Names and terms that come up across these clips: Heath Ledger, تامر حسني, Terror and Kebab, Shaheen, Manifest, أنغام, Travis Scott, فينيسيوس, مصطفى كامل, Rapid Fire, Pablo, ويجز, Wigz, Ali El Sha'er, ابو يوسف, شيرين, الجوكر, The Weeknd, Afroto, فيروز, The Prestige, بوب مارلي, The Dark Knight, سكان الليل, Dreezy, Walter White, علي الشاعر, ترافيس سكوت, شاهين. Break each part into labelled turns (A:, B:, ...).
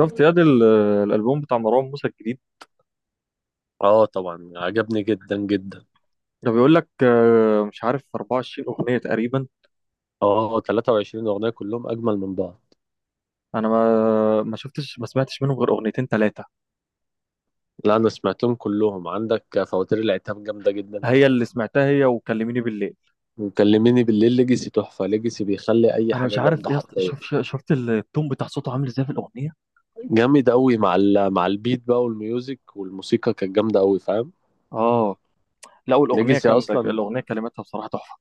A: شفت ياد الالبوم بتاع مروان موسى الجديد.
B: اه طبعا عجبني جدا جدا.
A: ده بيقول لك مش عارف 24 اغنيه تقريبا.
B: اه 23 اغنيه كلهم اجمل من بعض.
A: انا ما شفتش ما سمعتش منهم غير اغنيتين ثلاثه.
B: لا انا سمعتهم كلهم، عندك فواتير العتاب جامده جدا
A: هي اللي سمعتها هي وكلميني بالليل.
B: وكلميني بالليل. ليجاسي تحفه، ليجاسي بيخلي اي
A: انا
B: حاجه
A: مش عارف
B: جامده
A: يا اسطى،
B: حرفيا.
A: شفت التون بتاع صوته عامل ازاي في الاغنيه؟
B: جامد قوي مع ال... مع البيت بقى والميوزك، والموسيقى كانت جامده قوي، فاهم.
A: اه، لا والاغنيه
B: ليجاسي
A: جامده،
B: اصلا،
A: الاغنيه كلماتها بصراحه تحفه.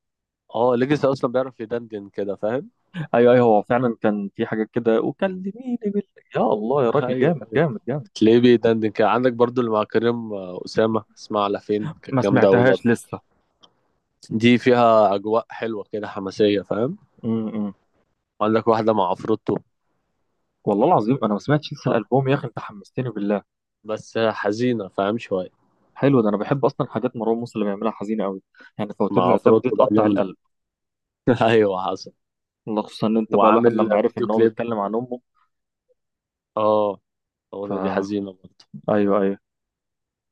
B: اه ليجاسي اصلا بيعرف يدندن كده، فاهم.
A: ايوه ايوه، هو فعلا كان في حاجات كده وكلميني بالليل. يا الله يا راجل،
B: ايوه،
A: جامد جامد جامد.
B: تلاقيه بيدندن كده، عندك برضو اللي مع كريم اسامه، اسمها على فين،
A: ما
B: كانت جامده قوي
A: سمعتهاش
B: برضه.
A: لسه.
B: دي فيها اجواء حلوه كده حماسيه، فاهم.
A: م -م.
B: وقال لك واحدة مع عفروتو.
A: والله العظيم انا ما سمعتش لسه
B: اه
A: الالبوم يا اخي، انت حمستني بالله.
B: بس حزينة فاهم شوية.
A: حلو، ده انا بحب اصلا حاجات مروان موسى اللي بيعملها حزينه قوي. يعني فواتير
B: مع
A: العتاب دي
B: عفروتو بقى
A: تقطع
B: جامدة.
A: القلب.
B: ايوه حصل.
A: والله خصوصا ان انت بقى الواحد لما
B: وعامل
A: عرف
B: فيديو
A: ان هو
B: كليب.
A: بيتكلم عن امه.
B: اه
A: ف
B: الاغنية دي حزينة برضه،
A: ايوه ايوه.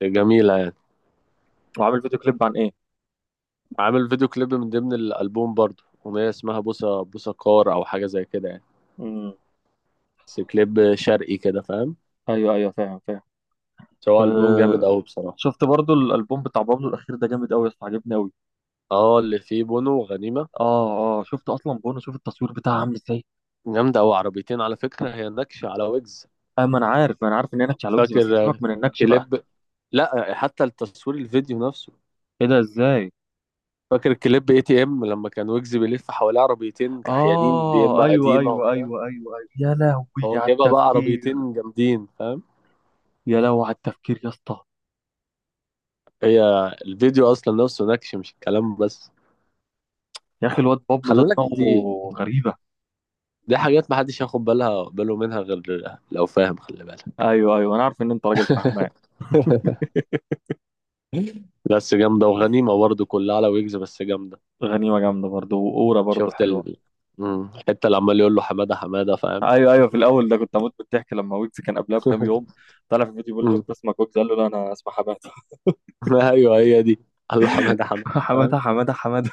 B: جميلة يعني.
A: وعامل فيديو كليب عن ايه؟
B: عامل فيديو كليب من ضمن الألبوم برضه، أغنية اسمها بوسة بوسة كار أو حاجة زي كده يعني.
A: امم
B: بس كليب شرقي كده، فاهم.
A: ايوه ايوه، فاهم فاهم.
B: سواء ألبوم جامد
A: أه.
B: أوي بصراحة.
A: شفت برضو الالبوم بتاع بابلو الاخير ده جامد قوي يا اسطى، عجبني قوي.
B: اه اللي فيه بونو وغنيمة.
A: اه اه، شفت اصلا بونو؟ شوف التصوير بتاعها عامل ازاي.
B: جامدة أوي، عربيتين على فكرة، هي نكشة على ويجز.
A: آه ما انا عارف، ما انا عارف ان هي نكش على وجز، بس
B: فاكر
A: سيبك من النكش بقى.
B: كليب، لا حتى التصوير الفيديو نفسه.
A: ايه ده؟ ازاي؟
B: فاكر الكليب اي تي ام لما كان ويجز بيلف حواليه عربيتين كحيانين
A: اه
B: بيما
A: ايوه
B: قديمه
A: ايوه
B: وبتاع.
A: ايوه ايوه ايوه يا لهوي.
B: هو
A: على
B: جايبها بقى
A: التفكير.
B: عربيتين جامدين، فاهم.
A: يا لهوي على التفكير يا اسطى.
B: هي الفيديو اصلا نفسه نكش، مش الكلام بس.
A: يا اخي الواد بابلو
B: خلي
A: ده
B: بالك
A: دماغه
B: دي،
A: غريبه.
B: دي حاجات محدش ياخد بالها باله منها غير لو فاهم، خلي بالك.
A: ايوه ايوه، انا عارف ان انت راجل فهمان.
B: بس جامده، وغنيمه برضه كلها على ويجز بس جامده.
A: غنيمه جامده برضه، واورا برضه
B: شفت
A: حلوه.
B: ال الحته اللي عمال يقول له حماده حماده، فاهم.
A: ايوه ايوه، في الاول ده كنت هموت من الضحك لما ويجز كان قبلها بكام يوم طلع في الفيديو بيقول له:
B: مم.
A: انت اسمك ويجز؟ قال له: لا انا اسمي حماده.
B: ايوه هي دي، قال له حماده حماده،
A: حماده
B: فاهم.
A: حماده حماده.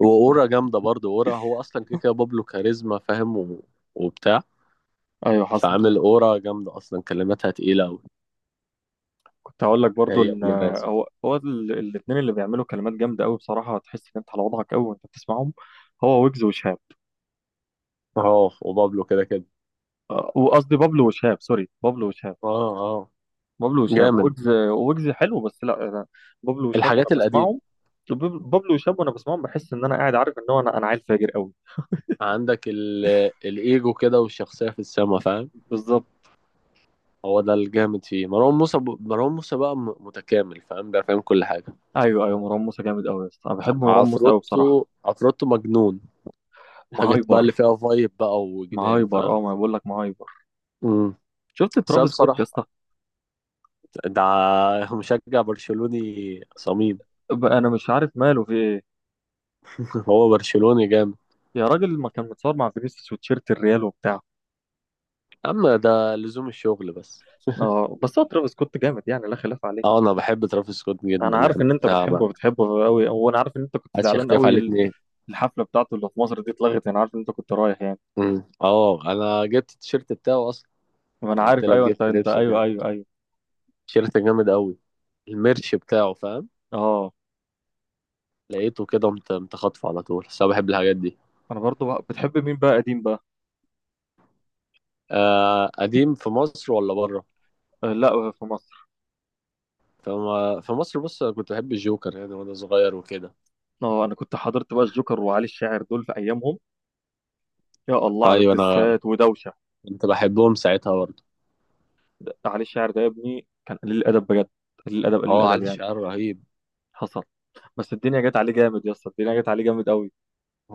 B: واورا جامده برضه، اورا هو اصلا كده كده بابلو كاريزما فاهم وبتاع.
A: ايوه حصل.
B: فعامل اورا جامده، اصلا كلماتها تقيله قوي.
A: كنت هقول لك برضه
B: هي
A: ان
B: ولباس.
A: هو الاثنين اللي بيعملوا كلمات جامده قوي بصراحه، تحس ان انت على وضعك قوي وانت بتسمعهم. هو ويجز وشهاب.
B: اه وبابلو كده كده.
A: وقصدي بابلو وشهاب، سوري، بابلو وشهاب.
B: اه اه
A: بابلو وشاب،
B: جامد.
A: ويجز ويجز حلو بس لا أنا بابلو وشاب، وانا
B: الحاجات القديمه.
A: بسمعهم بابلو وشاب، وانا بسمعهم بحس ان انا قاعد عارف ان هو انا عيل فاجر قوي.
B: عندك الايجو كده والشخصيه في السما، فاهم.
A: بالظبط.
B: هو ده الجامد فيه، مروان موسى ب... مروان موسى بقى متكامل، فاهم بقى، فاهم كل حاجه.
A: ايوه ايوه، مروان موسى جامد قوي يا اسطى، انا بحب مروان موسى قوي بصراحه.
B: عفروتو، عفروتو مجنون. الحاجات بقى اللي
A: مهايبر.
B: فيها فايب بقى وجنان،
A: مهايبر، اه
B: فاهم.
A: ما بقول لك مهايبر.
B: امم،
A: شفت
B: بس أنا
A: ترافيس سكوت يا
B: بصراحه
A: اسطى؟
B: ده مشجع برشلوني صميم.
A: بقى انا مش عارف ماله في ايه.
B: هو برشلوني جامد.
A: يا راجل ما كان متصور مع فينيسيوس وتيشيرت الريال وبتاع.
B: اما ده لزوم الشغل بس.
A: اه بس هو ترافيس سكوت جامد يعني، لا خلاف عليه.
B: اه انا بحب ترافيس سكوت
A: انا
B: جدا
A: عارف
B: يعني،
A: ان انت
B: لا ما
A: بتحبه بتحبه قوي، وانا عارف ان انت كنت
B: حدش
A: زعلان
B: يختلف عليه
A: قوي.
B: اتنين.
A: الحفله بتاعته اللي في مصر دي اتلغت، انا عارف ان انت كنت رايح يعني.
B: اه انا جبت التيشيرت بتاعه اصلا.
A: ما
B: لما
A: انا
B: قلت
A: عارف،
B: لك
A: ايوه انت
B: جبت
A: انت
B: لبسه
A: ايوه
B: كده،
A: ايوه ايوه.
B: تيشيرت جامد قوي، الميرش بتاعه، فاهم.
A: اه،
B: لقيته كده متخطف على طول، بس انا بحب الحاجات دي.
A: انا برضو بقى بتحب مين بقى قديم بقى؟
B: آه قديم في مصر ولا بره؟
A: آه لا، في مصر.
B: فما في مصر، بص انا كنت بحب الجوكر يعني وانا صغير وكده.
A: اه انا كنت حضرت بقى الجوكر وعلي الشاعر دول في ايامهم. يا الله على
B: ايوه انا
A: الدسات ودوشه.
B: كنت بحبهم ساعتها برضه.
A: علي الشاعر ده يا ابني كان قليل الادب بجد. قليل الادب قليل
B: هو
A: الادب
B: علي
A: يعني.
B: الشعر رهيب.
A: حصل. بس الدنيا جت عليه جامد يا اسطى، الدنيا جت عليه جامد قوي.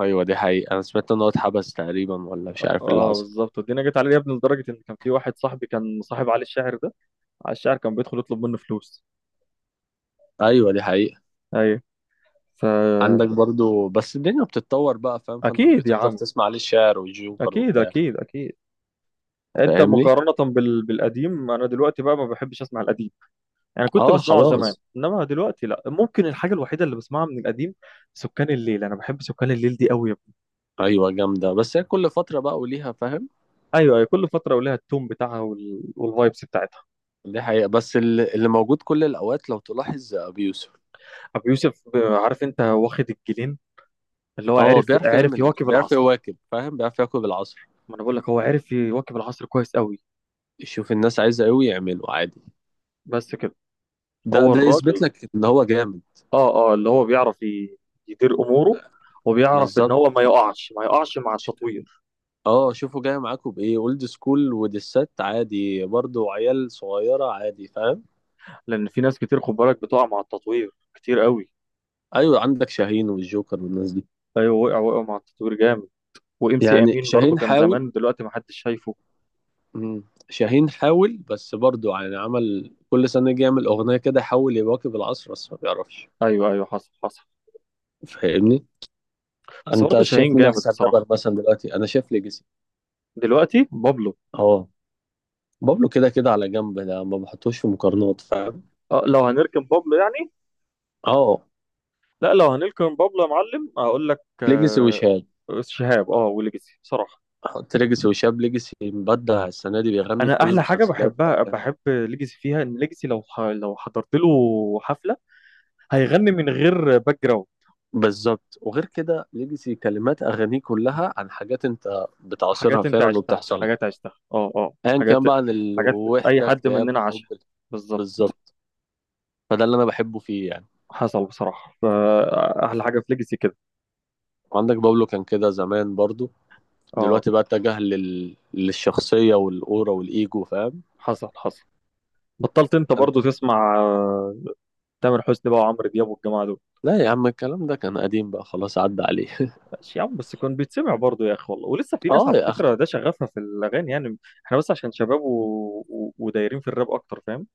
B: ايوه دي حقيقة، انا سمعت ان هو اتحبس تقريبا ولا مش عارف اللي
A: اه
B: حصل.
A: بالظبط، الدنيا جت عليه يا ابني لدرجه ان كان في واحد صاحبي كان صاحب علي الشاعر ده. علي الشاعر كان بيدخل يطلب منه فلوس.
B: ايوه دي حقيقة.
A: ايوه،
B: عندك
A: فاكيد.
B: برضو بس الدنيا بتتطور بقى فاهم، فانت مش
A: يا
B: هتفضل
A: عم
B: تسمع علي الشعر والجوكر
A: اكيد
B: وبتاع.
A: اكيد اكيد. انت
B: فاهمني.
A: مقارنة بال... بالقديم، انا دلوقتي بقى ما بحبش اسمع القديم. يعني كنت
B: اه
A: بسمعه زمان
B: خلاص.
A: انما دلوقتي لا. ممكن الحاجة الوحيدة اللي بسمعها من القديم سكان الليل، انا بحب سكان الليل دي قوي.
B: ايوه جامدة، بس هي كل فترة بقى وليها، فاهم.
A: ايوه ايوه، كل فترة ولها التون بتاعها وال... والفايبس بتاعتها.
B: دي حقيقة، بس اللي موجود كل الاوقات لو تلاحظ ابي يوسف.
A: ابو يوسف عارف انت واخد الجنين اللي هو
B: اه
A: عرف،
B: بيعرف
A: عرف
B: يعمل،
A: يواكب
B: بيعرف
A: العصر.
B: يواكب فاهم، بيعرف يواكب العصر.
A: ما انا بقول لك هو عرف يواكب العصر كويس قوي.
B: يشوف الناس عايزة ايه ويعمله عادي.
A: بس كده.
B: ده
A: هو
B: ده يثبت
A: الراجل.
B: لك ان هو جامد.
A: اه اه، اللي هو بيعرف يدير اموره، وبيعرف ان
B: بالظبط.
A: هو ما يقعش ما يقعش مع التطوير.
B: اه شوفوا جاي معاكم بايه، اولد سكول ودسات عادي برضو، عيال صغيره عادي، فاهم.
A: لان في ناس كتير خد بالك بتقع مع التطوير كتير قوي.
B: ايوه عندك شاهين والجوكر والناس دي.
A: ايوه، وقع وقع مع التطوير جامد. وام سي
B: يعني
A: امين برضو
B: شاهين
A: كان
B: حاول.
A: زمان، دلوقتي ما حدش شايفه.
B: مم. شاهين حاول بس برضو يعني، عمل كل سنه يجي يعمل اغنيه كده يحاول يواكب العصر بس ما بيعرفش.
A: ايوه ايوه، حصل حصل.
B: فاهمني.
A: بس
B: انت
A: برضو شاهين
B: شايف مين
A: جامد
B: احسن رابر
A: بصراحه.
B: مثلا دلوقتي؟ انا شايف ليجاسي.
A: دلوقتي بابلو.
B: اه بابلو كده كده على جنب، ده ما بحطوش في مقارنات، فاهم.
A: أه لو هنركن بابلو يعني.
B: اه
A: لا لو هنركن بابلو يا معلم هقول لك
B: ليجاسي وشهاب.
A: شهاب، اه، وليجاسي بصراحه.
B: احط ليجاسي وشهاب، ليجاسي مبدع السنه دي، بيغني في
A: انا
B: كل
A: احلى حاجه
B: المسلسلات
A: بحبها
B: والافلام.
A: بحب ليجاسي فيها ان ليجاسي لو لو حضرت له حفله هيغني من غير باك جراوند.
B: بالظبط، وغير كده ليجاسي كلمات اغانيه كلها عن حاجات انت بتعاصرها
A: حاجات انت
B: فعلا
A: عشتها،
B: وبتحصل لك،
A: حاجات عشتها اه اه،
B: ايا
A: حاجات،
B: كان بقى، عن
A: حاجات اي
B: الوحده،
A: حد
B: اكتئاب،
A: مننا
B: حب.
A: عاشها. بالظبط.
B: بالظبط. فده اللي انا بحبه فيه يعني.
A: حصل بصراحة، فأحلى حاجة في ليجاسي كده.
B: عندك بابلو كان كده زمان برضو،
A: اه.
B: دلوقتي بقى اتجه لل... للشخصيه والاورا والايجو، فاهم.
A: حصل حصل. بطلت انت
B: انت
A: برضو تسمع تامر حسني بقى وعمرو دياب والجماعة دول.
B: لا يا عم، الكلام ده كان قديم بقى خلاص، عدى عليه.
A: ماشي يا عم، بس كان بيتسمع برضو يا اخي والله، ولسه في ناس
B: اه
A: على
B: يا اخي،
A: فكرة ده شغفها في الأغاني يعني. احنا بس عشان شباب و... و... ودايرين في الراب أكتر، فاهم.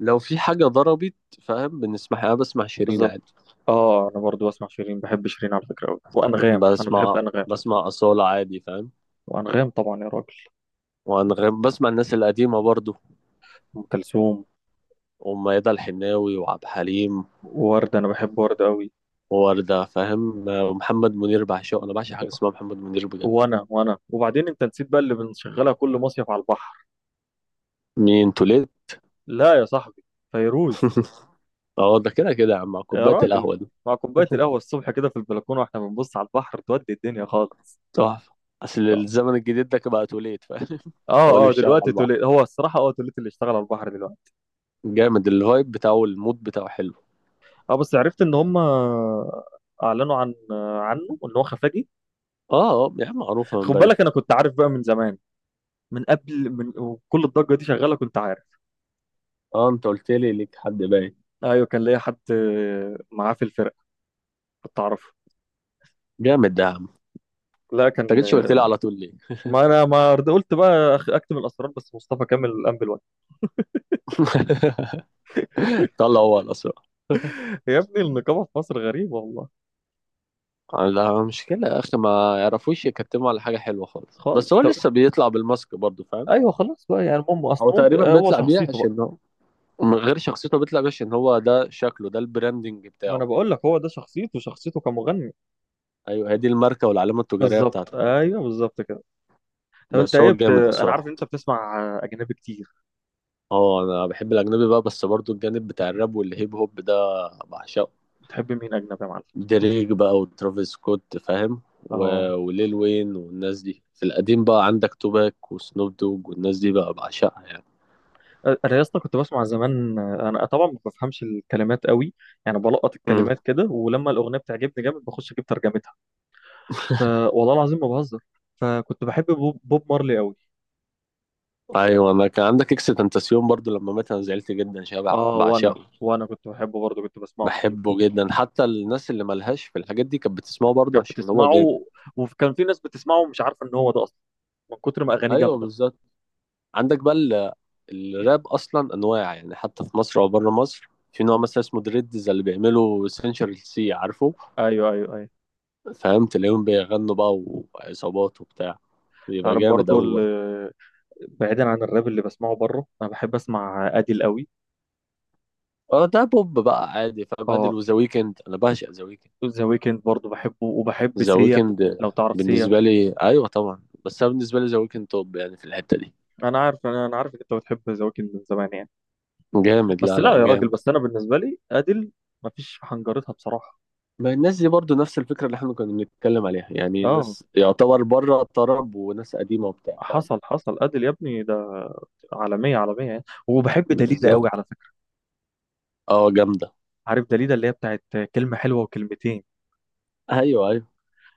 B: لو في حاجه ضربت فاهم بنسمعها، انا بسمع شيرين عادي.
A: بالظبط. اه انا برضو بسمع شيرين، بحب شيرين على فكرة أوي، وأنغام انا بحب
B: بسمع
A: أنغام.
B: بسمع اصاله عادي، فاهم.
A: وأنغام طبعا يا راجل.
B: وأنا بسمع الناس القديمة برضو،
A: أم كلثوم.
B: وميادة الحناوي وعبد الحليم
A: ورد، انا بحب ورد قوي.
B: ووردة، فاهم، ومحمد منير بعشقه، أنا بعشق حاجة اسمها محمد منير بجد.
A: وانا وبعدين انت نسيت بقى اللي بنشغلها كل مصيف على البحر.
B: مين توليد؟
A: لا يا صاحبي، فيروز.
B: اه ده كده كده يا عم مع
A: يا
B: كوباية
A: راجل،
B: القهوة دي،
A: مع كوبايه القهوه الصبح كده في البلكونه واحنا بنبص على البحر، تودي الدنيا خالص.
B: تحفة. أصل
A: طب.
B: الزمن الجديد ده بقى توليد، فاهم. هو
A: اه
B: اللي
A: اه
B: بيشتغل
A: دلوقتي
B: على بعض،
A: توليت، هو الصراحه اه توليت اللي اشتغل على البحر دلوقتي.
B: جامد الفايب بتاعه، المود بتاعه حلو.
A: اه بس عرفت ان هم اعلنوا عنه ان هو خفاجي.
B: اه اه يا عم معروفة من
A: خد
B: بدري.
A: بالك انا كنت عارف بقى من زمان، من قبل من وكل الضجه دي شغاله كنت عارف.
B: اه انت قلت لي ليك حد باين.
A: ايوه كان ليا حد معاه في الفرقه كنت اعرفه.
B: جامد ده يا عم،
A: لا
B: انت
A: كان،
B: جيتش قلت لي على طول ليه؟
A: ما انا ما رد- قلت بقى اكتم الاسرار، بس مصطفى كامل قام بالواجب.
B: طلع هو الأسرع.
A: يا ابني النقابه في مصر غريبه والله.
B: لا مشكلة يا أخي، ما يعرفوش يكتموا على حاجة حلوة خالص، بس
A: خالص،
B: هو
A: طب
B: لسه بيطلع بالماسك برضه، فاهم.
A: ايوه خلاص بقى يعني مم
B: هو
A: اصل ممكن
B: تقريبا
A: هو
B: بيطلع بيه
A: شخصيته بقى.
B: عشان هو، من غير شخصيته بيطلع بيه عشان هو ده شكله، ده البراندنج
A: ما انا
B: بتاعه.
A: بقول لك هو ده شخصيته، شخصيته كمغني.
B: أيوه هي دي الماركة والعلامة التجارية
A: بالظبط،
B: بتاعته، فاهم.
A: ايوه بالظبط كده. طب انت
B: بس
A: ايه
B: هو جامد
A: انا عارف ان
B: بصراحة.
A: انت بتسمع اجنبي كتير،
B: اه أنا بحب الأجنبي بقى، بس برضه الجانب بتاع الراب والهيب هوب ده بعشقه.
A: بتحب مين اجنبي يا معلم؟
B: دريك بقى وترافيس سكوت فاهم و...
A: اه
B: وليل وين والناس دي، في القديم بقى عندك توباك وسنوب دوج والناس دي بقى بعشقها يعني.
A: انا يا اسطى كنت بسمع زمان، انا طبعا ما بفهمش الكلمات قوي، يعني بلقط الكلمات كده ولما الاغنيه بتعجبني جامد بخش اجيب ترجمتها. ف... والله العظيم ما بهزر. فكنت بحب بوب مارلي قوي.
B: ايوه انا كان عندك اكس تنتاسيون برضو، لما مات انا زعلت جدا، شبع
A: اه وانا
B: بعشقه.
A: وانا كنت بحبه برضه، كنت بسمعه كتير.
B: بحبه جدا، حتى الناس اللي ملهاش في الحاجات دي كانت بتسمعه برضو
A: كانت
B: عشان هو جامد.
A: بتسمعه. وكان في ناس بتسمعه ومش عارفه ان هو ده اصلا، من كتر ما اغانيه
B: ايوه
A: جامده.
B: بالظبط. عندك بقى الراب اصلا انواع يعني، حتى في مصر او بره مصر في نوع
A: مم.
B: مثلا اسمه دريدز اللي بيعملوا سنشال سي، عارفه،
A: ايوه ايوه ايوه.
B: فاهم. تلاقيهم بيغنوا بقى، وعصابات وبتاع، بيبقى
A: تعرف
B: جامد
A: برضه
B: أوي بقى.
A: بعيدا عن الراب اللي بسمعه بره، انا بحب اسمع اديل قوي.
B: اه ده بوب بقى عادي، فاهم
A: اه
B: ادل وذا ويكند، انا بعشق ذا ويكند.
A: ذا ويكند برضه بحبه، وبحب
B: ذا
A: سيا،
B: ويكند
A: لو تعرف سيا.
B: بالنسبة لي أيوة طبعا، بس أنا بالنسبة لي ذا ويكند توب يعني في الحتة دي.
A: انا عارف، انا أنا عارف إن انت بتحب ذا ويكند من زمان يعني.
B: جامد،
A: بس
B: لا
A: لا
B: لا
A: يا راجل،
B: جامد.
A: بس انا بالنسبه لي اديل مفيش حنجرتها بصراحه.
B: ما الناس دي برضو نفس الفكرة اللي احنا كنا بنتكلم عليها يعني،
A: اه
B: ناس يعتبر بره الطرب وناس قديمة وبتاع، فاهم.
A: حصل حصل. أديل يا ابني ده عالمية عالمية يعني. وبحب دليدا قوي
B: بالظبط.
A: على فكرة.
B: اه جامدة.
A: عارف دليدا اللي هي بتاعت كلمة حلوة وكلمتين؟
B: أيوة أيوة.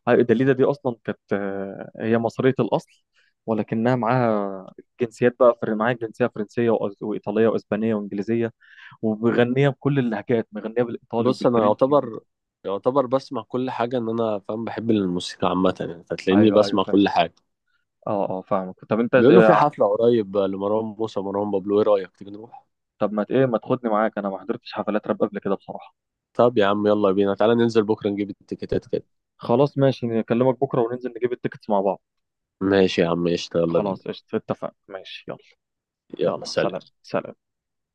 A: عارف دليدا دي أصلا كانت هي مصرية الأصل، ولكنها معاها جنسيات بقى معاها جنسية فرنسية وإيطالية وإسبانية وإنجليزية، ومغنية بكل اللهجات، مغنية بالإيطالي
B: بص أنا
A: وبالفرنسي و...
B: يعتبر، يعتبر بسمع كل حاجة، إن أنا فاهم بحب الموسيقى عامة يعني، فتلاقيني
A: أيوه أيوه
B: بسمع
A: فاهم.
B: كل حاجة.
A: أه أه فاهمك. طب أنت
B: بيقولوا في حفلة قريب لمروان موسى ومروان بابلو، إيه رأيك تيجي نروح؟
A: طب ما ت- إيه ما تاخدني معاك؟ أنا ما حضرتش حفلات راب قبل كده بصراحة.
B: طب يا عم يلا بينا، تعالى ننزل بكرة نجيب التيكيتات كده.
A: خلاص ماشي، نكلمك بكرة وننزل نجيب التيكتس مع بعض.
B: ماشي يا عم قشطة، يلا بينا.
A: خلاص قشطة، اتفقنا ماشي يلا.
B: يلا
A: يلا
B: سلام.
A: سلام. سلام.